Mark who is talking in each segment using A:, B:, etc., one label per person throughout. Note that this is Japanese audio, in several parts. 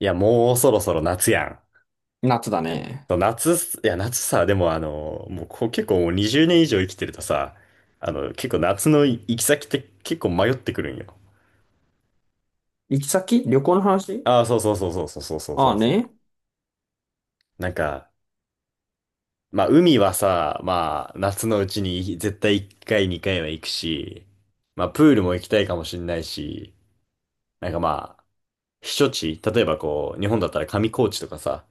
A: いや、もうそろそろ夏やん。
B: 夏だね。
A: そう夏、いや、夏さ、でも、もうこう結構もう20年以上生きてるとさ、結構夏の行き先って結構迷ってくるんよ。
B: 行き先？旅行の話？
A: ああ、そうそうそうそうそうそうそう
B: あ
A: そ
B: あ
A: うそ
B: ね。
A: う。まあ海はさ、まあ夏のうちに絶対1回2回は行くし、まあプールも行きたいかもしんないし、なんかまあ、避暑地、例えばこう、日本だったら上高地とかさ、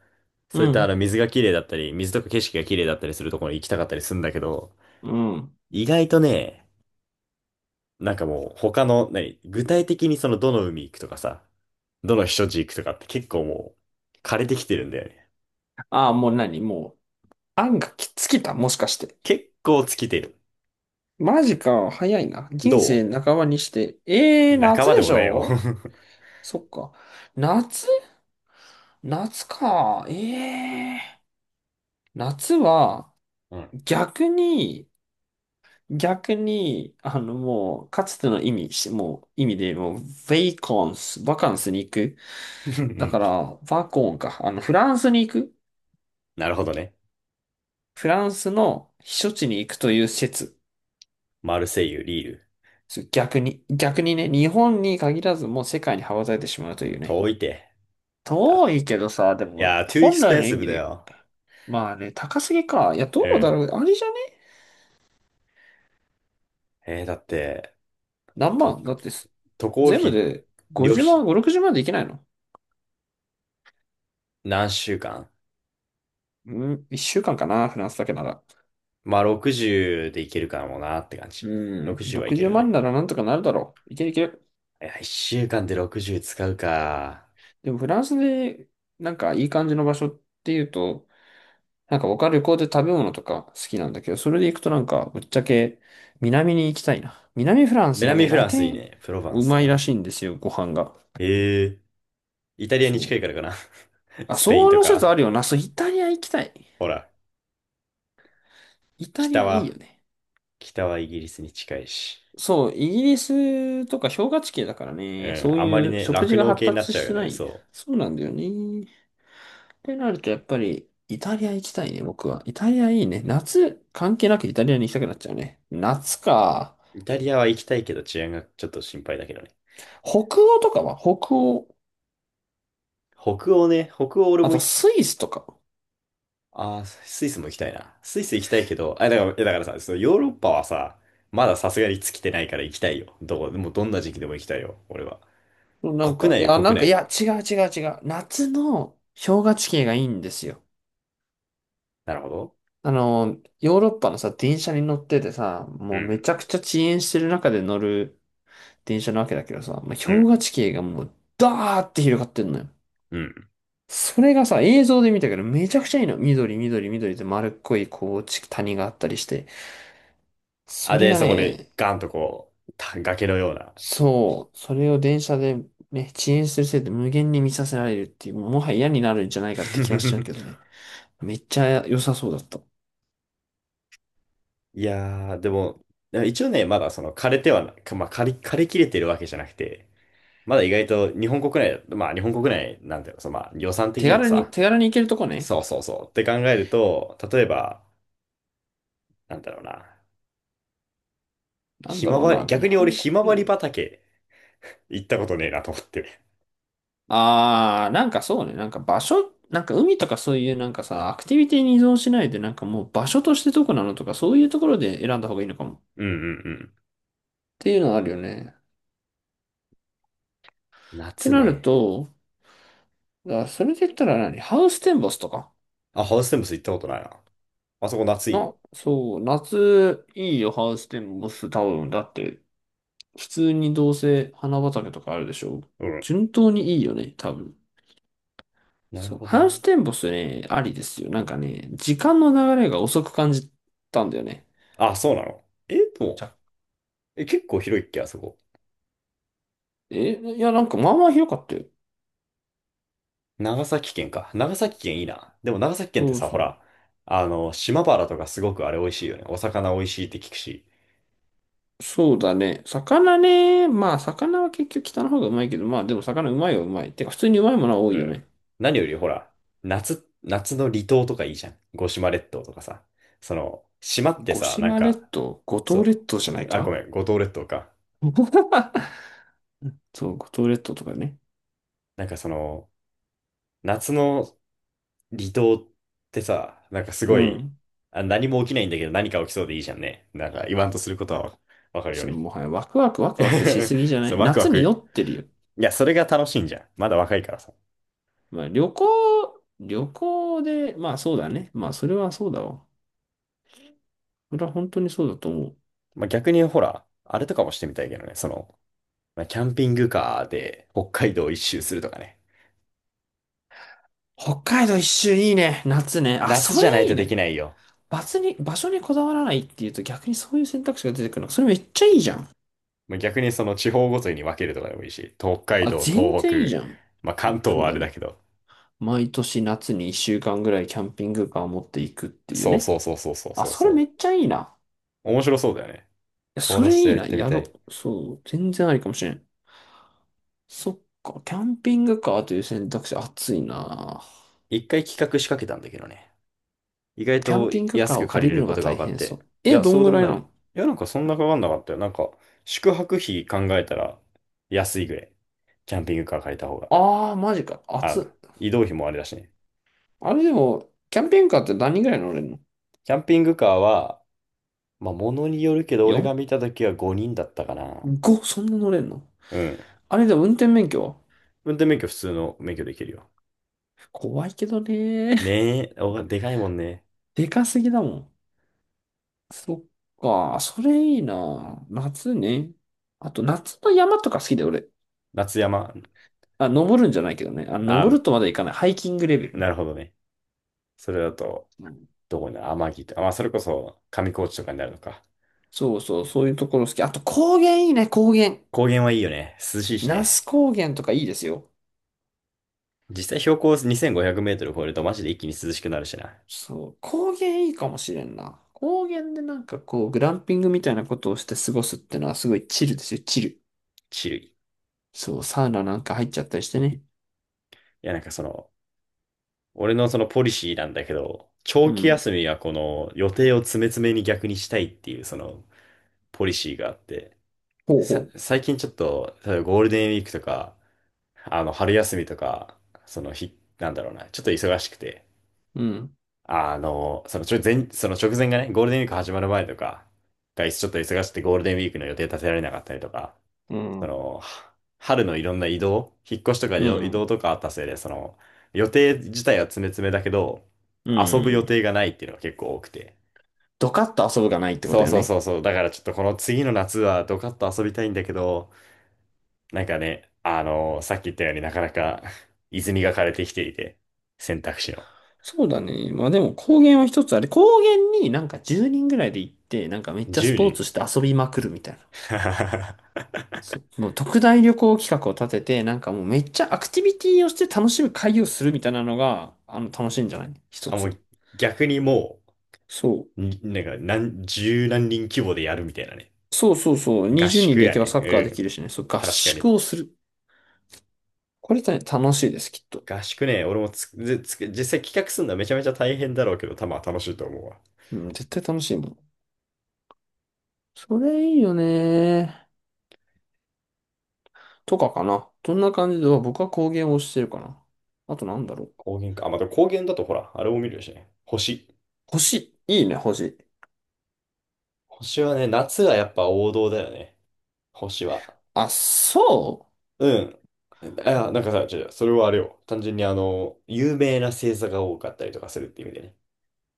B: う
A: そういったあ
B: ん。
A: の水が綺麗だったり、水とか景色が綺麗だったりするところに行きたかったりするんだけど、
B: うん。
A: 意外とね、もう他の、何、具体的にそのどの海行くとかさ、どの避暑地行くとかって結構、もう枯れてきてるんだよね。
B: ああ、もう何もう、案がきつきた？もしかして。
A: 結構尽きてる。
B: マジか。早いな。
A: ど
B: 人生半ばにして。え
A: う
B: え、
A: 仲
B: 夏
A: 間で
B: でし
A: もないよ。
B: ょ？そっか。夏、夏か。ええ、夏は、
A: うん。
B: 逆に、もう、かつての意味で、もう、ベイコンス、バカンスに行く。
A: う
B: だか
A: ん、
B: ら、バコンか。フランスに行く。
A: なるほどね。
B: フランスの避暑地に行くという説。
A: マルセイユ、リール。
B: 逆に、ね、日本に限らずもう世界に羽ばたいてしまうというね。
A: 遠いて。だ
B: 遠いけどさ、で
A: い
B: も、
A: やー、too
B: 本来の意
A: expensive
B: 味
A: だ
B: で、
A: よ。
B: まあね、高すぎか。いや、
A: う
B: どうだ
A: ん。
B: ろう。あれじゃね？
A: だって、
B: 何
A: と、
B: 万だってす、
A: 渡航
B: 全部
A: 費、
B: で
A: 旅
B: 50万、
A: 費、
B: 5、60万でいけないの？
A: 何週間、
B: うん、1週間かんかな、フランスだけなら。
A: まあ60で行けるかもなって感じ。
B: うん、
A: 60はいけ
B: 60
A: る
B: 万
A: ね。
B: ならなんとかなるだろう。いけるいける。
A: いや、一週間で60使うか。
B: でも、フランスで、なんかいい感じの場所っていうと、なんか僕は旅行で食べ物とか好きなんだけど、それで行くとなんか、ぶっちゃけ南に行きたいな。南フランスが
A: 南
B: ね、
A: フ
B: ラ
A: ランスいい
B: テン、
A: ね。プロヴァン
B: う
A: ス
B: ま
A: と
B: い
A: か
B: ら
A: ね。
B: しいんですよ、ご飯が。
A: へえ。イタリアに
B: そ
A: 近いから
B: う。
A: かな。
B: あ、
A: スペイン
B: そ
A: と
B: の説
A: か。
B: あるよな。そう、イタリア行きたい。
A: ほら、
B: イタリ
A: 北
B: アいい
A: は、
B: よね。
A: 北はイギリスに近いし。
B: そう、イギリスとか氷河地形だから
A: う
B: ね、
A: ん、
B: そう
A: あんまり
B: いう
A: ね、
B: 食事
A: 酪
B: が
A: 農
B: 発
A: 系になっ
B: 達
A: ちゃう
B: し
A: よ
B: てな
A: ね。
B: い。
A: そ
B: そうなんだよね。ってなるとやっぱりイタリア行きたいね、僕は。イタリアいいね。夏関係なくイタリアに行きたくなっちゃうね。夏か。
A: う。イタリアは行きたいけど治安がちょっと心配だけどね。
B: 北欧とかは？北欧。
A: 北欧ね、北欧俺
B: あ
A: も
B: と、
A: い、
B: スイスとか。
A: あー、スイスも行きたいな。スイス行きたいけど、あ、だから、いやだからさ、そのヨーロッパはさ、まださすがに尽きてないから行きたいよ。どこ、もうどんな時期でも行きたいよ、俺は。国内よ、国内。
B: 違う違う違う。夏の氷河地形がいいんですよ。
A: なるほど。
B: あの、ヨーロッパのさ、電車に乗っててさ、
A: う
B: もうめ
A: ん、
B: ちゃくちゃ遅延してる中で乗る電車なわけだけどさ、まあ
A: う
B: 氷
A: ん、
B: 河地形がもうダーって広がってんのよ。
A: うん。
B: それがさ、映像で見たけどめちゃくちゃいいの。緑、緑、緑で丸っこい、こう、地谷があったりして。
A: あ、
B: それ
A: で、
B: が
A: そこで
B: ね、
A: ガンとこう、崖のような。
B: そう、それを電車でね、遅延するせいで無限に見させられるっていう、もはや嫌になるんじゃないかって気がしちゃうけど ね。めっちゃ良さそうだった。
A: いやー、でも、一応ね、まだその枯れてはな、かまあ、枯れ切れてるわけじゃなくて、まだ意外と日本国内まあ日本国内なんだよ、そのまあ予算的
B: 手
A: にも
B: 軽に、
A: さ、
B: 手軽に行けるとこね。
A: そうそうそう、って考えると、例えば、なんだろうな、
B: なん
A: ひ
B: だ
A: ま
B: ろう
A: わり、
B: な、
A: 逆
B: 日
A: に俺
B: 本
A: ひ
B: 国
A: まわり
B: 内。
A: 畑行ったことねえなと思って。
B: あー、なんかそうね、なんか場所、なんか海とかそういうなんかさ、アクティビティに依存しないで、なんかもう場所としてどこなのとか、そういうところで選んだ方がいいのかも。っ
A: うんうんうん。
B: ていうのはあるよね。って
A: 夏
B: なる
A: ね。
B: と、だからそれで言ったら何ハウステンボスとか
A: あ、ハウステンボス行ったことないな。あそこ夏いいの。
B: な、そう、夏いいよ、ハウステンボス、多分。だって、普通にどうせ花畑とかあるでしょ？
A: うん。
B: 順当にいいよね、多分。
A: なる
B: そう、
A: ほど
B: ハウ
A: ね。
B: ステンボスね、ありですよ。なんかね、時間の流れが遅く感じたんだよね。
A: あ、そうなの、え、で
B: じ
A: も、
B: ゃ、
A: え、結構広いっけ、あそこ。
B: え、いや、なんかまあまあ広かったよ。
A: 長崎県か。長崎県いいな。でも長崎県って
B: そう
A: さ、ほ
B: そう。
A: ら、島原とかすごくあれ美味しいよね。お魚美味しいって聞くし。
B: そうだね。魚ね。まあ、魚は結局北の方がうまいけど、まあでも魚うまいはうまい。てか、普通にうまいものは多
A: う
B: いよ
A: ん。
B: ね。
A: 何よりほら、夏の離島とかいいじゃん。五島列島とかさ。その、島って
B: 五
A: さ、なん
B: 島列
A: か、
B: 島、五島
A: そ
B: 列島じゃない
A: う。あ、ご
B: か
A: めん、五島列島か。
B: そう、五島列島とかね。
A: なんかその、夏の離島ってさ、なんかす
B: う
A: ごい、
B: ん。
A: あ、何も起きないんだけど何か起きそうでいいじゃんね。なんか言わんとすることはわかるよ
B: その
A: ね。
B: もはやワクワクワクワクし すぎじゃな
A: そう、
B: い？
A: ワクワ
B: 夏に酔
A: ク。
B: ってるよ。
A: いや、それが楽しいんじゃん。まだ若いからさ。
B: まあ旅行、旅行で、まあそうだね。まあそれはそうだわ。それは本当にそうだと思う。
A: 逆にほら、あれとかもしてみたいけどね。その、まあ、キャンピングカーで北海道一周するとかね。
B: 北海道一周いいね。夏ね。あ、
A: 夏
B: そ
A: じゃない
B: れい
A: と
B: い
A: でき
B: ね。
A: ないよ。
B: 場所にこだわらないっていうと逆にそういう選択肢が出てくるの。それめっちゃいいじゃん。
A: まあ、逆にその地方ごとに分けるとかでもいいし、北海
B: あ、
A: 道、
B: 全
A: 東
B: 然いい
A: 北、
B: じゃん。
A: まあ、関東
B: そう
A: はあ
B: だ
A: れだ
B: ね。
A: けど。
B: 毎年夏に一週間ぐらいキャンピングカーを持っていくっていう
A: そう
B: ね。
A: そうそうそうそう
B: あ、
A: そう
B: それめ
A: そ
B: っちゃいいな。
A: う。面白そうだよね。
B: いや
A: 友
B: そ
A: 達
B: れ
A: と
B: いい
A: やっ
B: な。
A: てみ
B: や
A: た
B: ろ
A: い。
B: う。そう。全然ありかもしれん。そっか、キャンピングカーという選択肢、暑いな。
A: 一回企画仕掛けたんだけどね。意外
B: キャン
A: と
B: ピングカ
A: 安
B: ーを
A: く借
B: 借り
A: りれ
B: る
A: る
B: の
A: こ
B: が
A: とが
B: 大
A: 分かっ
B: 変そ
A: て。
B: う。
A: い
B: え、
A: や、
B: ど
A: そ
B: ん
A: うで
B: ぐ
A: も
B: らいな
A: ない。い
B: の？
A: や、なんかそんなかかんなかったよ。宿泊費考えたら安いぐらい。キャンピングカー借りた方が。
B: ああー、マジか、暑
A: あ、
B: っ。
A: 移動費もあれだしね。
B: あれでも、キャンピングカーって何人ぐらい乗れんの
A: キャンピングカーは、まあ、ものによるけど、俺が見た時は5人だったかな。
B: ?4?5? そんな乗れんの？
A: うん。
B: あれでも運転免許は？
A: 運転免許普通の免許できるよ。
B: 怖いけどね。
A: ねえ、お、でかいもんね。
B: でかすぎだもん。そっか、それいいな。夏ね。あと、夏の山とか好きだよ、俺。
A: 夏山。
B: あ、登るんじゃないけどね。あ、
A: あ、
B: 登るとまだ行かない。ハイキングレベル
A: なる
B: ね。
A: ほどね。それだと、どこに、天城とか、まあ、それこそ上高地とかになるのか。
B: そうそう、そういうところ好き。あと高原いいね、高原。
A: 高原はいいよね。涼しいし
B: 那須
A: ね。
B: 高原とかいいですよ。
A: 実際標高2500メートル超えるとマジで一気に涼しくなるしな。
B: そう、高原いいかもしれんな。高原でなんかこう、グランピングみたいなことをして過ごすってのはすごいチルですよ、チル。
A: チルい。い
B: そう、サウナなんか入っちゃったりしてね。
A: や、なんかその、俺のそのポリシーなんだけど、
B: う
A: 長期
B: ん。
A: 休みはこの予定を詰め詰めに逆にしたいっていうそのポリシーがあって、
B: ほうほ
A: さ、
B: う。
A: 最近ちょっと、例えばゴールデンウィークとか、春休みとか、その日、なんだろうな、ちょっと忙しくて、
B: うん。
A: そのちょ前、その直前がね、ゴールデンウィーク始まる前とか、がちょっと忙しくてゴールデンウィークの予定立てられなかったりとか、
B: う
A: そ
B: ん。
A: の、春のいろんな移動、引っ越しとか
B: う
A: 移動移
B: ん。
A: 動とかあったせいで、その、予定自体は詰め詰めだけど、
B: う
A: 遊ぶ予
B: ん。
A: 定がないっていうのが結構多くて。
B: ドカッと遊ぶがないってこ
A: そ
B: と
A: う
B: よ
A: そうそ
B: ね。
A: うそう。だからちょっとこの次の夏はドカッと遊びたいんだけど、なんかね、さっき言ったようになかなか泉が枯れてきていて、選択肢の。
B: そうだね。まあでも高原は一つあれ、高原になんか10人ぐらいで行って、なんかめっちゃス
A: 10
B: ポー
A: 人
B: ツして遊びまくるみたいな。そもう特大旅行企画を立てて、なんかもうめっちゃアクティビティをして楽しむ会をするみたいなのが、楽しいんじゃない？一
A: あ、も
B: つ。
A: う逆にも
B: そ
A: う、
B: う。
A: になんか何、十何人規模でやるみたいなね。
B: そうそうそう。
A: 合
B: 20人
A: 宿
B: で行
A: や
B: けば
A: ね。
B: サッカーで
A: う
B: き
A: ん。
B: るしね。そう、合
A: 確か
B: 宿
A: に。
B: をする。これね、楽しいです、きっと。
A: 合宿ね、俺もつぜつ実際企画するのはめちゃめちゃ大変だろうけど、多分楽しいと思うわ。
B: うん、絶対楽しいもん。それいいよね。とかかな。どんな感じで、僕は工芸を推してるかな。あとなんだろう。
A: 高原か。あ、また高原だとほら、あれも見れるしね。星。
B: 星。いいね、星。
A: 星はね、夏はやっぱ王道だよね。星は。
B: あ、そ
A: うん。あ、なんかさ、違う違う、それはあれよ。単純に、有名な星座が多かったりとかするって意味でね。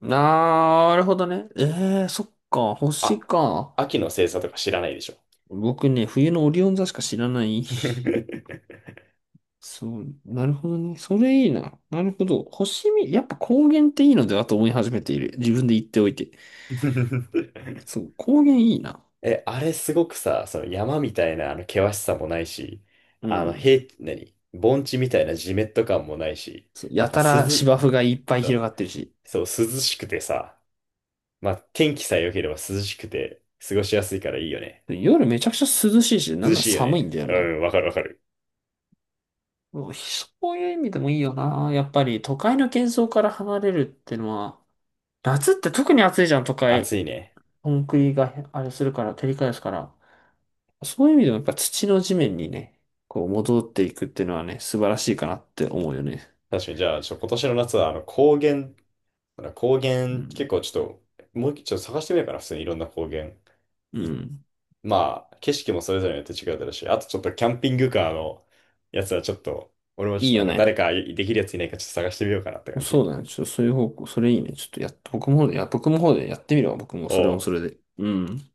B: う、なるほどね。ええー、そっか、星
A: あ、
B: か。
A: 秋の星座とか知らないでしょ。
B: 僕ね、冬のオリオン座しか知らない。そう、なるほどね。それいいな。なるほど。星見、やっぱ高原っていいのではと思い始めている。自分で言っておいて。そう、高原いいな。
A: え、あれすごくさ、その山みたいなあの険しさもないし、
B: う
A: あの
B: ん。
A: 平、何盆地みたいなジメッと感もないし、
B: そう、
A: なん
B: や
A: か
B: たら
A: 涼、
B: 芝生がいっぱい広がっ
A: そ
B: てるし。
A: う、そう涼しくてさ、まあ天気さえ良ければ涼しくて過ごしやすいからいいよね。
B: 夜めちゃくちゃ涼しいし、なん
A: 涼
B: なら
A: しいよ
B: 寒いん
A: ね。
B: だよ
A: う
B: な。
A: ん、わかるわかる。
B: うん、そういう意味でもいいよな。やっぱり都会の喧騒から離れるってのは、夏って特に暑いじゃん、都会。
A: 暑いね。
B: コンクリがあれするから、照り返すから。そういう意味でもやっぱ土の地面にね、こう戻っていくっていうのはね、素晴らしいかなって思うよね。
A: 確かに、じゃあ、ちょ、今年の夏はあの高原、高
B: う
A: 原結
B: ん。
A: 構ちょっと、もう一回ちょっと探してみようかな、普通にいろんな高原。
B: う
A: 一
B: ん。
A: まあ、景色もそれぞれによって違うだろうし、あとちょっとキャンピングカーのやつはちょっと、俺もちょっ
B: いい
A: となん
B: よ
A: か
B: ね。
A: 誰かできるやついないかちょっと探してみようかなって感じ。
B: そうだね。ちょっとそういう方向、それいいね。ちょっとやっ、僕も、いや、僕の方でやってみるわ。僕もそれも
A: お
B: そ
A: う。
B: れで。うん。